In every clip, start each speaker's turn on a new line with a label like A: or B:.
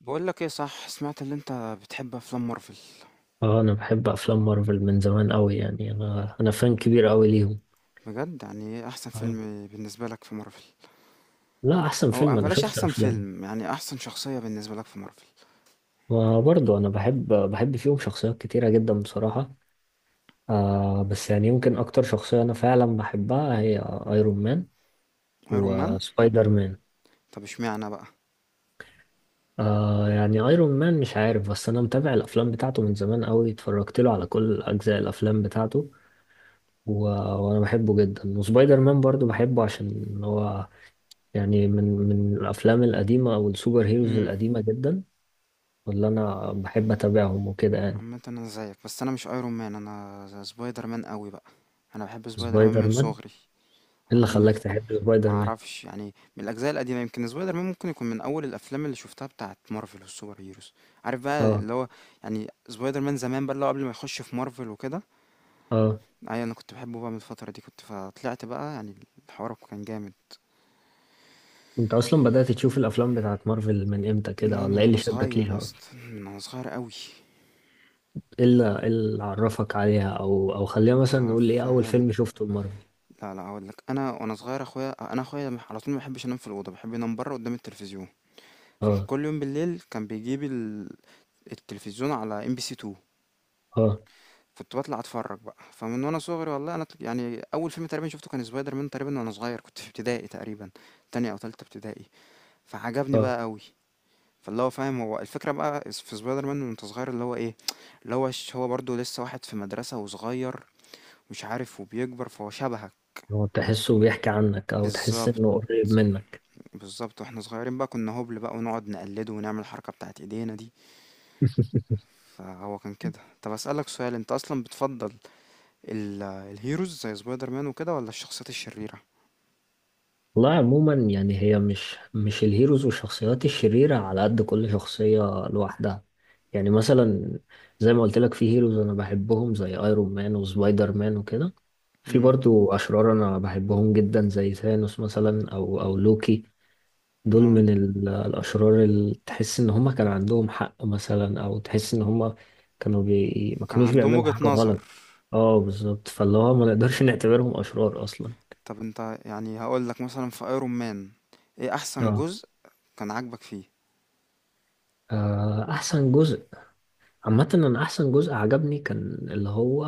A: بقول لك ايه، صح؟ سمعت اللي انت بتحب افلام مارفل؟
B: اه، انا بحب افلام مارفل من زمان قوي، يعني انا فان كبير قوي ليهم.
A: بجد؟ يعني ايه احسن
B: اه،
A: فيلم بالنسبه لك في مارفل؟
B: لا، احسن
A: او
B: فيلم انا
A: بلاش
B: شفت
A: احسن
B: افلام.
A: فيلم، يعني احسن شخصيه بالنسبه لك في مارفل؟
B: وبرضه انا بحب فيهم شخصيات كتيره جدا بصراحه. آه، بس يعني يمكن اكتر شخصيه انا فعلا بحبها هي ايرون مان
A: ايرون مان؟
B: وسبايدر مان.
A: طب اشمعنى بقى؟
B: آه، يعني ايرون مان مش عارف، بس انا متابع الافلام بتاعته من زمان قوي، اتفرجت له على كل اجزاء الافلام بتاعته و... وانا بحبه جدا. وسبايدر مان برضو بحبه عشان هو يعني من الافلام القديمه او السوبر هيروز
A: امم.
B: القديمه جدا، واللي انا بحب اتابعهم وكده يعني.
A: عامه انا زيك، بس انا مش ايرون مان، انا سبايدر مان قوي بقى. انا بحب سبايدر مان
B: سبايدر
A: من
B: مان إيه
A: صغري. هو
B: اللي
A: كان
B: خلاك
A: نفسي.
B: تحب
A: ما
B: سبايدر مان؟
A: اعرفش يعني. من الاجزاء القديمه، يمكن سبايدر مان ممكن يكون من اول الافلام اللي شفتها بتاعه مارفل والسوبر هيروز. عارف بقى
B: اه.
A: اللي هو؟ يعني سبايدر مان زمان بقى، اللي هو قبل ما يخش في مارفل وكده.
B: اه،
A: أيوه، أنا كنت باحبه بقى من الفترة دي، كنت فطلعت بقى يعني. الحوار كان جامد.
B: انت اصلا بدات تشوف الافلام بتاعت مارفل من امتى كده،
A: لا،
B: ولا
A: من
B: ايه
A: وأنا
B: اللي شدك
A: صغير يا
B: ليها اصلا؟
A: اسطى، من وأنا صغير أوي.
B: ايه اللي إيه اللي عرفك عليها، او خلينا مثلا نقول ايه اول
A: هافهمك.
B: فيلم شفته لمارفل؟
A: لا، لا، هاقول لك، أنا وأنا صغير، أخويا على طول ما بيحبش ينام في الأوضة، بيحب ينام برا قدام التلفزيون.
B: اه.
A: فكل يوم بالليل كان بيجيب التلفزيون على ام بي سي 2.
B: اه.
A: كنت بطلع اتفرج بقى، فمن وانا صغير والله، انا يعني اول فيلم تقريبا شفته كان سبايدر مان تقريبا، وانا صغير كنت في ابتدائي تقريبا. تانية او تالتة ابتدائي. فعجبني
B: اه.
A: بقى قوي. فاللي هو، فاهم؟ هو الفكرة بقى في سبايدر مان وانت صغير، اللي هو ايه؟ اللي هو هو برضه لسه واحد في مدرسة وصغير، مش عارف، وبيكبر، فهو شبهك.
B: هو تحسه بيحكي عنك، او تحس
A: بالظبط.
B: انه قريب منك؟
A: بالظبط، واحنا صغيرين بقى كنا هبل بقى، ونقعد نقلده ونعمل الحركة بتاعت ايدينا دي. فهو كان كده. طب اسألك سؤال، انت اصلا بتفضل الهيروز زي سبايدر مان وكده ولا الشخصيات الشريرة؟
B: والله عموما يعني هي مش الهيروز والشخصيات الشريرة، على قد كل شخصية لوحدها. يعني مثلا، زي ما قلت لك، في هيروز أنا بحبهم زي أيرون مان وسبايدر مان وكده، في
A: امم.
B: برضو أشرار أنا بحبهم جدا زي ثانوس مثلا أو لوكي. دول
A: اه،
B: من الأشرار اللي تحس إن هما كان عندهم حق مثلا، أو تحس إن هما كانوا ما
A: كان
B: كانوش
A: عندهم
B: بيعملوا
A: وجهة
B: حاجة
A: نظر.
B: غلط. اه بالظبط، فاللي هو ما نقدرش نعتبرهم أشرار أصلا.
A: طب انت يعني، هقول لك مثلا في ايرون مان، ايه احسن
B: اه.
A: جزء كان عاجبك فيه؟
B: آه، أحسن جزء. عامة أنا أحسن جزء عجبني كان اللي هو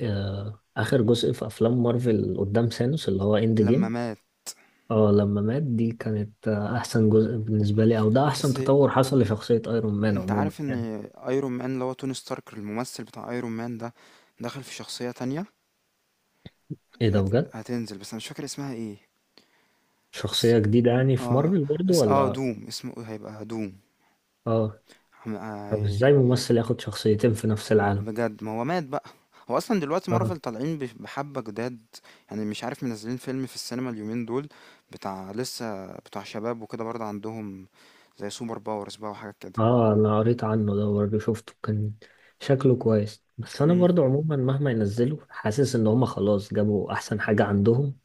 B: آه، آخر جزء في أفلام مارفل قدام سانوس اللي هو إند
A: لما
B: جيم.
A: مات.
B: اه لما مات، دي كانت آه، أحسن جزء بالنسبة لي. أو ده أحسن
A: بس
B: تطور حصل لشخصية أيرون مان
A: انت
B: عموما
A: عارف ان
B: يعني.
A: ايرون مان، اللي هو توني ستارك، الممثل بتاع ايرون مان ده، دخل في شخصية تانية.
B: إيه ده بجد؟
A: هتنزل بس انا مش فاكر اسمها ايه. اس...
B: شخصية جديدة يعني في
A: اه
B: مارفل برضو
A: اس... اه
B: ولا؟
A: دوم. اسمه إيه؟ هيبقى دوم.
B: اه.
A: عم-
B: طب
A: آه...
B: إزاي ممثل ياخد شخصيتين في نفس العالم؟
A: بجد، ما هو مات بقى. هو اصلا دلوقتي
B: اه.
A: مارفل طالعين بحبة جداد. يعني مش عارف، منزلين فيلم في السينما اليومين دول، بتاع، لسه بتاع شباب وكده برضه عندهم، زي سوبر باورز بقى وحاجات كده.
B: اه أنا قريت عنه ده برضه، شفته كان شكله كويس. بس أنا
A: مم.
B: برضو عموما مهما ينزلوا، حاسس إن هما خلاص جابوا أحسن حاجة عندهم.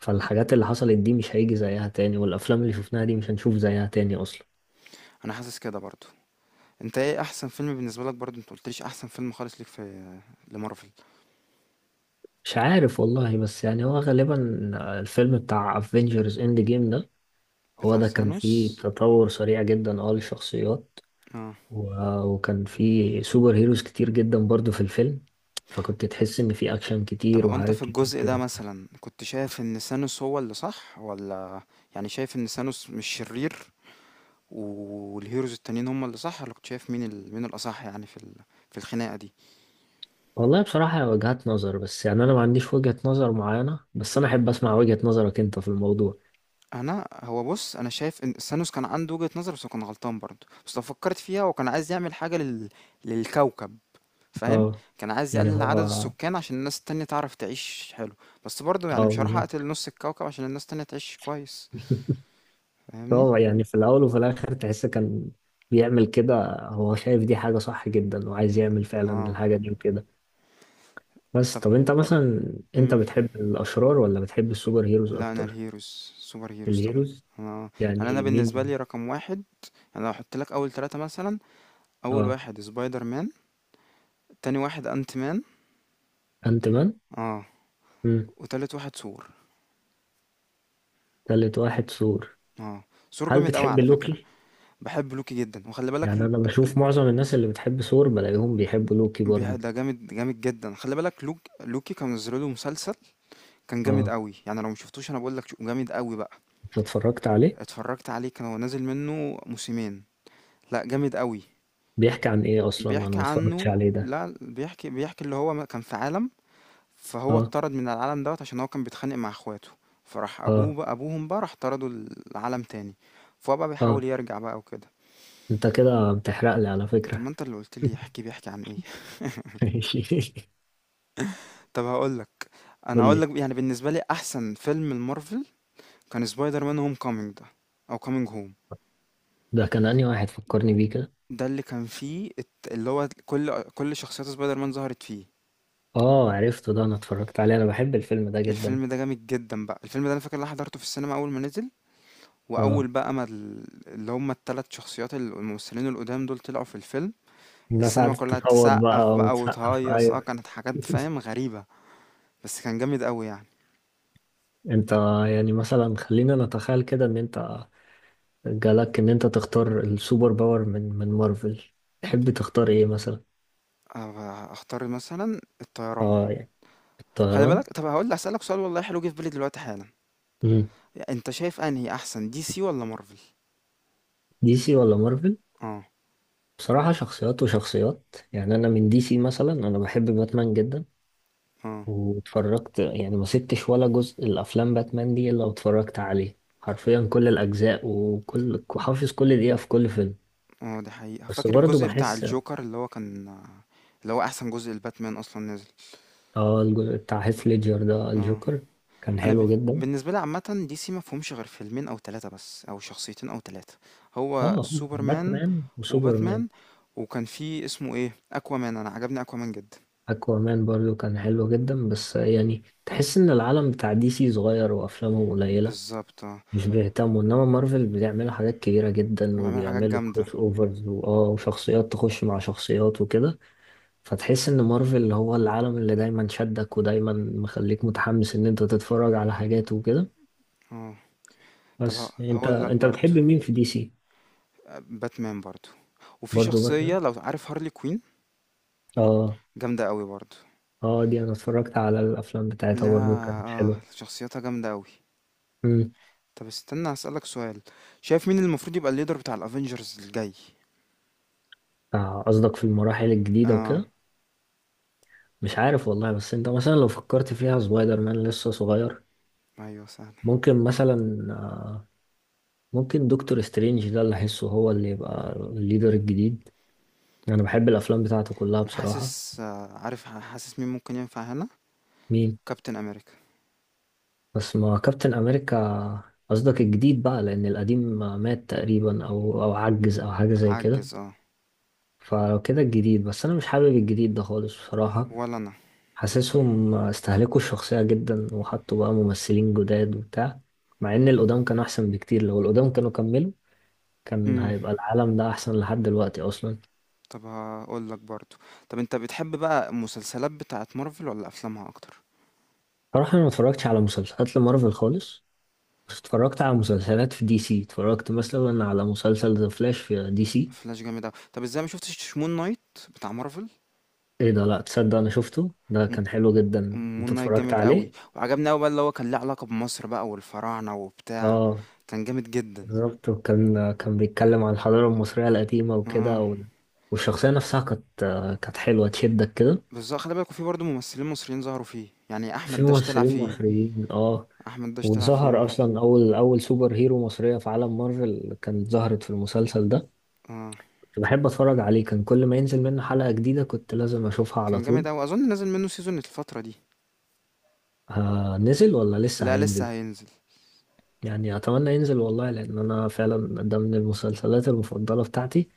B: فالحاجات اللي حصلت دي مش هيجي زيها تاني، والأفلام اللي شفناها دي مش هنشوف زيها تاني أصلا.
A: انا حاسس كده برضه. انت، ايه احسن فيلم بالنسبه لك برضه؟ انت قلتليش احسن فيلم خالص ليك في لمارفل.
B: مش عارف والله، بس يعني هو غالبا الفيلم بتاع افنجرز اند جيم ده. هو
A: بتاع
B: ده كان فيه
A: سانوس.
B: تطور سريع جدا اه للشخصيات،
A: اه.
B: وكان فيه سوبر هيروز كتير جدا برضو في الفيلم. فكنت تحس ان فيه اكشن
A: طب
B: كتير
A: هو انت
B: وحاجات
A: في
B: كتير
A: الجزء ده
B: كده.
A: مثلا، كنت شايف ان سانوس هو اللي صح ولا، يعني شايف ان سانوس مش شرير والهيروز التانيين هم اللي صح، ولا كنت شايف مين مين الاصح يعني في في الخناقه دي؟
B: والله بصراحة هي وجهات نظر، بس يعني انا ما عنديش وجهة نظر معينة، بس انا احب اسمع وجهة نظرك انت في الموضوع.
A: انا، هو بص، انا شايف ان سانوس كان عنده وجهه نظر بس هو كان غلطان برضه، بس لو فكرت فيها هو كان عايز يعمل حاجه للكوكب. فاهم؟
B: اه.
A: كان عايز
B: يعني
A: يقلل
B: هو.
A: عدد السكان عشان الناس التانية تعرف تعيش حلو، بس برضه يعني
B: اه
A: مش هاروح
B: بالظبط.
A: أقتل نُص الكوكب عشان الناس التانية تعيش كويس، فاهمني؟
B: هو يعني في الأول وفي الآخر تحس كان بيعمل كده، هو شايف دي حاجة صح جدا وعايز يعمل فعلا
A: آه،
B: الحاجة دي وكده. بس
A: طب
B: طب أنت مثلا، أنت
A: إمم،
B: بتحب الأشرار ولا بتحب السوبر هيروز
A: لأ، أنا
B: أكتر؟
A: الheroes، super heroes طبعًا،
B: الهيروز.
A: أنا يعني أنا
B: يعني
A: بالنسبة
B: مين؟
A: لي رقم 1. أنا لو هاحط لك أول 3 مثلًا، أول
B: آه،
A: واحد spider man، تاني واحد ant man،
B: أنت مان؟
A: آه،
B: مم.
A: وتالت واحد ثور،
B: تالت واحد ثور.
A: آه، ثور
B: هل
A: جامد أوي
B: بتحب
A: على فكرة.
B: لوكي؟
A: باحب لوكي جدًا، وخلّي بالك
B: يعني أنا بشوف معظم الناس اللي بتحب ثور بلاقيهم بيحبوا لوكي
A: بي
B: برضو.
A: ده جامد جامد جدًا، خلّي بالك لوكي كانوا نزّلوا له مسلسل. كان جامد
B: آه.
A: أوي، يعني لو مشفتوش أنا باقول لك شو جامد أوي بقى.
B: أنت اتفرجت عليه؟
A: اتفرّجت عليه كان هو نازل منّه موسمين. لأ، جامد أوي.
B: بيحكي عن إيه أصلا؟ أنا
A: بيحكي
B: ما اتفرجتش
A: عنّه
B: عليه ده.
A: لأ بيحكي بيحكي اللي هو كان في عالم، فهو
B: آه.
A: اتطرد من العالم دوّة عشان هو كان بيتخانق مع اخواته، فراح أبوه
B: آه.
A: بقى أبوهم بقى راح طرده لعالم تاني، فهو بقى
B: آه.
A: بيحاول يرجع بقى وكده.
B: أنت كده بتحرق لي على
A: طَب
B: فكرة.
A: ما أنت اللي قُلت لي احكِ بيحكي عن إيه؟
B: ماشي.
A: طَب هاقول لك، أنا
B: قول
A: هاقول
B: لي.
A: لك يعني بالنسبة لي أحسن فيلم لmarvel كان spider man homecoming ده، أو coming home.
B: ده كان أنهي واحد، فكرني بيه كده.
A: ده اللي كان فيه الت- اللي هو كل شخصيات سبايدر مان ظهرت فيه.
B: اه عرفته ده، انا اتفرجت عليه، انا بحب الفيلم ده جدا.
A: الفيلم ده جامد جدا بقى، الفيلم ده انا فاكر ان انا حضرته في السينما اول ما نزل، واول
B: اه
A: بقى ما اللي هم الثلاث شخصيات الممثلين القدام دول طلعوا في الفيلم،
B: الناس
A: السينما
B: قعدت
A: كلها
B: تصوت
A: تسقف
B: بقى
A: بقى
B: وتسقف،
A: وتهيص،
B: ايوه.
A: كانت حاجات فاهم غريبة، بس كان جامد قوي يعني.
B: انت يعني مثلا خلينا نتخيل كده ان انت جالك ان انت تختار السوبر باور من مارفل، تحب تختار ايه مثلا؟
A: أه، اختار مثلا الطيران.
B: اه يعني
A: خلي بالك،
B: الطيران.
A: طب هسألك سؤال والله حلو جه في بالي دلوقتي حالا.
B: مم.
A: انت شايف انهي احسن، دي سي ولا مارفل؟
B: دي سي ولا مارفل؟
A: اه،
B: بصراحة شخصيات وشخصيات يعني. انا من دي سي مثلا انا بحب باتمان جدا،
A: اه،
B: واتفرجت يعني ما سبتش ولا جزء الافلام باتمان دي الا واتفرجت عليه، حرفيا كل الاجزاء، وكل حافظ كل دقيقة في كل فيلم.
A: اه، دي حقيقة،
B: بس
A: فاكر
B: برضه
A: الجزء بتاع
B: بحس.
A: الجوكر اللي هو كان اللي هو احسن جزء الباتمان اصلا نزل.
B: اه الجزء بتاع هيث ليدجر ده
A: اه.
B: الجوكر كان
A: انا
B: حلو جدا.
A: بالنسبة لي عامة دي سي ما فيهمش غير فيلمين او ثلاثة بس، او شخصيتين او ثلاثة. هو
B: اه
A: سوبرمان،
B: باتمان وسوبرمان.
A: وباتمان، وكان في اسمه ايه، اكوامان، انا عجبني اكوامان جدا.
B: اكوامان برضه كان حلو جدا، بس يعني تحس ان العالم بتاع دي سي صغير وافلامهم قليلة،
A: بالظبط، اه.
B: مش بيهتموا. انما مارفل بتعمل حاجات كبيرة جدا،
A: وبيعمل حاجات
B: وبيعملوا
A: جامدة.
B: كروس اوفرز واه وشخصيات تخش مع شخصيات وكده. فتحس ان مارفل هو العالم اللي دايما شدك ودايما مخليك متحمس ان انت تتفرج على حاجات وكده.
A: اه. طب
B: بس انت
A: هقول لك
B: انت بتحب
A: برضو،
B: مين في دي سي؟
A: آه، باتمان برضو. وفي
B: برضو باتمان.
A: شخصية، لو عارف، هارلي كوين،
B: اه.
A: جامدة قوي برضو.
B: اه دي انا اتفرجت على الافلام بتاعتها
A: لا.
B: برضو، كانت
A: اه،
B: حلوة.
A: شخصيتها جامدة قوي.
B: امم.
A: طب استنى، هسألك سؤال. شايف مين المفروض يبقى الليدر بتاع الافينجرز الجاي؟
B: آه، قصدك في المراحل الجديدة
A: اه.
B: وكده. مش عارف والله، بس انت مثلا لو فكرت فيها سبايدر مان لسه صغير،
A: ايوه، سهل.
B: ممكن مثلا آه، ممكن دكتور سترينج ده اللي احسه هو اللي يبقى الليدر الجديد. انا بحب الافلام بتاعته كلها
A: انا
B: بصراحة.
A: حاسس، عارف، حاسس مين ممكن ينفع هنا.
B: مين؟
A: كابتن امريكا.
B: بس ما كابتن امريكا. قصدك الجديد بقى، لان القديم مات تقريبا او عجز او حاجه زي كده.
A: عجز، اه.
B: فلو كده الجديد، بس انا مش حابب الجديد ده خالص بصراحه.
A: ولا انا.
B: حاسسهم استهلكوا الشخصيه جدا وحطوا بقى ممثلين جداد وبتاع، مع ان القدام كانوا احسن بكتير. لو القدام كانوا كملوا، كان
A: امم.
B: هيبقى العالم ده احسن لحد دلوقتي اصلا.
A: طب هقول لك برضو. طب انت بتحب بقى المسلسلات بتاعه مارفل ولا افلامها اكتر؟
B: صراحه انا ما اتفرجتش على مسلسلات لمارفل خالص، بس اتفرجت على مسلسلات في دي سي، اتفرجت مثلا على مسلسل ذا فلاش في دي سي.
A: فلاش جامد اوي. طب ازاي ما شفتش مون نايت بتاع مارفل؟
B: ايه ده، لا تصدق انا شفته ده،
A: م-
B: كان حلو جدا.
A: مون
B: انت
A: نايت
B: اتفرجت
A: جامد قوي
B: عليه؟
A: وعجبني قوي بقى، اللي هو كان ليه علاقة بمصر بقى والفراعنة وبتاع.
B: اه
A: كان جامد جدا.
B: بالظبط، وكان بيتكلم عن الحضارة المصرية القديمة وكده
A: اه.
B: والشخصية نفسها كانت حلوة تشدك كده.
A: بالضبط خلّي بالك، وفي برضه ممثلين مصريين ظهروا فيه، يعني
B: في
A: أحمد داش طلع
B: ممثلين
A: فيه،
B: مصريين اه.
A: أحمد داش طلع فيه، آه،
B: وظهر اصلا اول سوبر هيرو مصرية في عالم مارفل، كانت ظهرت في المسلسل ده.
A: آه،
B: كنت بحب اتفرج عليه، كان كل ما ينزل منه حلقة جديدة كنت لازم اشوفها على
A: كان
B: طول.
A: جامد أوي، أظن نازل منّه season الفترة دي.
B: آه، نزل ولا لسه
A: لأ، لسه
B: هينزل؟
A: هينزل.
B: يعني اتمنى ينزل والله، لان انا فعلا ده من المسلسلات المفضله بتاعتي.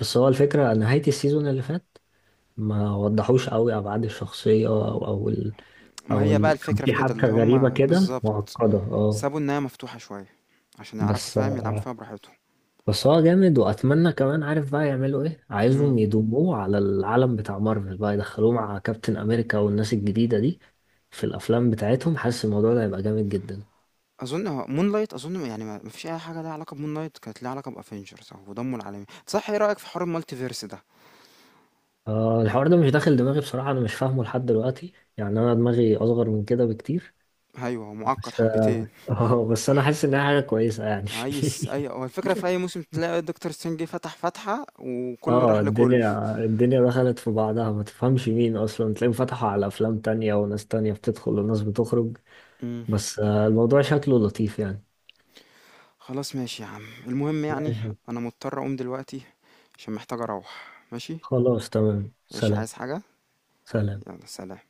B: بس هو الفكره نهايه السيزون اللي فات ما وضحوش قوي ابعاد الشخصيه او
A: ما هي بقى
B: كان
A: الفكرة في
B: في
A: كده
B: حبكه
A: اللي
B: غريبه
A: هُم
B: كده
A: بالضبط،
B: معقده اه.
A: سابوا النهاية مفتوحة شوية، عشان يعرفوا
B: بس
A: فاهم يلعبوا
B: آه،
A: فيها براحتهم.
B: بس هو جامد، واتمنى كمان عارف بقى يعملوا ايه.
A: إمم،
B: عايزهم يضموه على العالم بتاع مارفل بقى، يدخلوه مع كابتن امريكا والناس الجديده دي في الافلام بتاعتهم. حاسس الموضوع ده هيبقى جامد جدا.
A: أظن Moonlight، أظن يعني ما فيش أي حاجة ليها علاقة بMoonlight، كانت ليها علاقة بAvengers أو بضمّه العالمي، صح. إيه رأيك في حوار الMultiverse ده؟
B: آه الحوار ده مش داخل دماغي بصراحة، أنا مش فاهمه لحد دلوقتي، يعني أنا دماغي أصغر من كده بكتير.
A: أيوه، هو مُعقّد
B: بس.
A: حبتين.
B: آه بس أنا
A: وح
B: حاسس إنها حاجة كويسة يعني.
A: عايز اي، هو الفكرة في اي موسم تلاقي دكتور سترينج فتح فتحة وكله
B: آه
A: راح لكله.
B: الدنيا دخلت في بعضها، ما تفهمش مين أصلا، تلاقيهم فتحوا على أفلام تانية وناس تانية بتدخل وناس بتخرج.
A: امم.
B: بس آه الموضوع شكله لطيف يعني.
A: خلاص، ماشي يا عم، المهم يعني،
B: ماشي.
A: انا مضطر اقوم دلوقتي عشان محتاج اروح. ماشي.
B: خلاص تمام،
A: مش
B: سلام.
A: عايز حاجة.
B: سلام.
A: يلا سلام.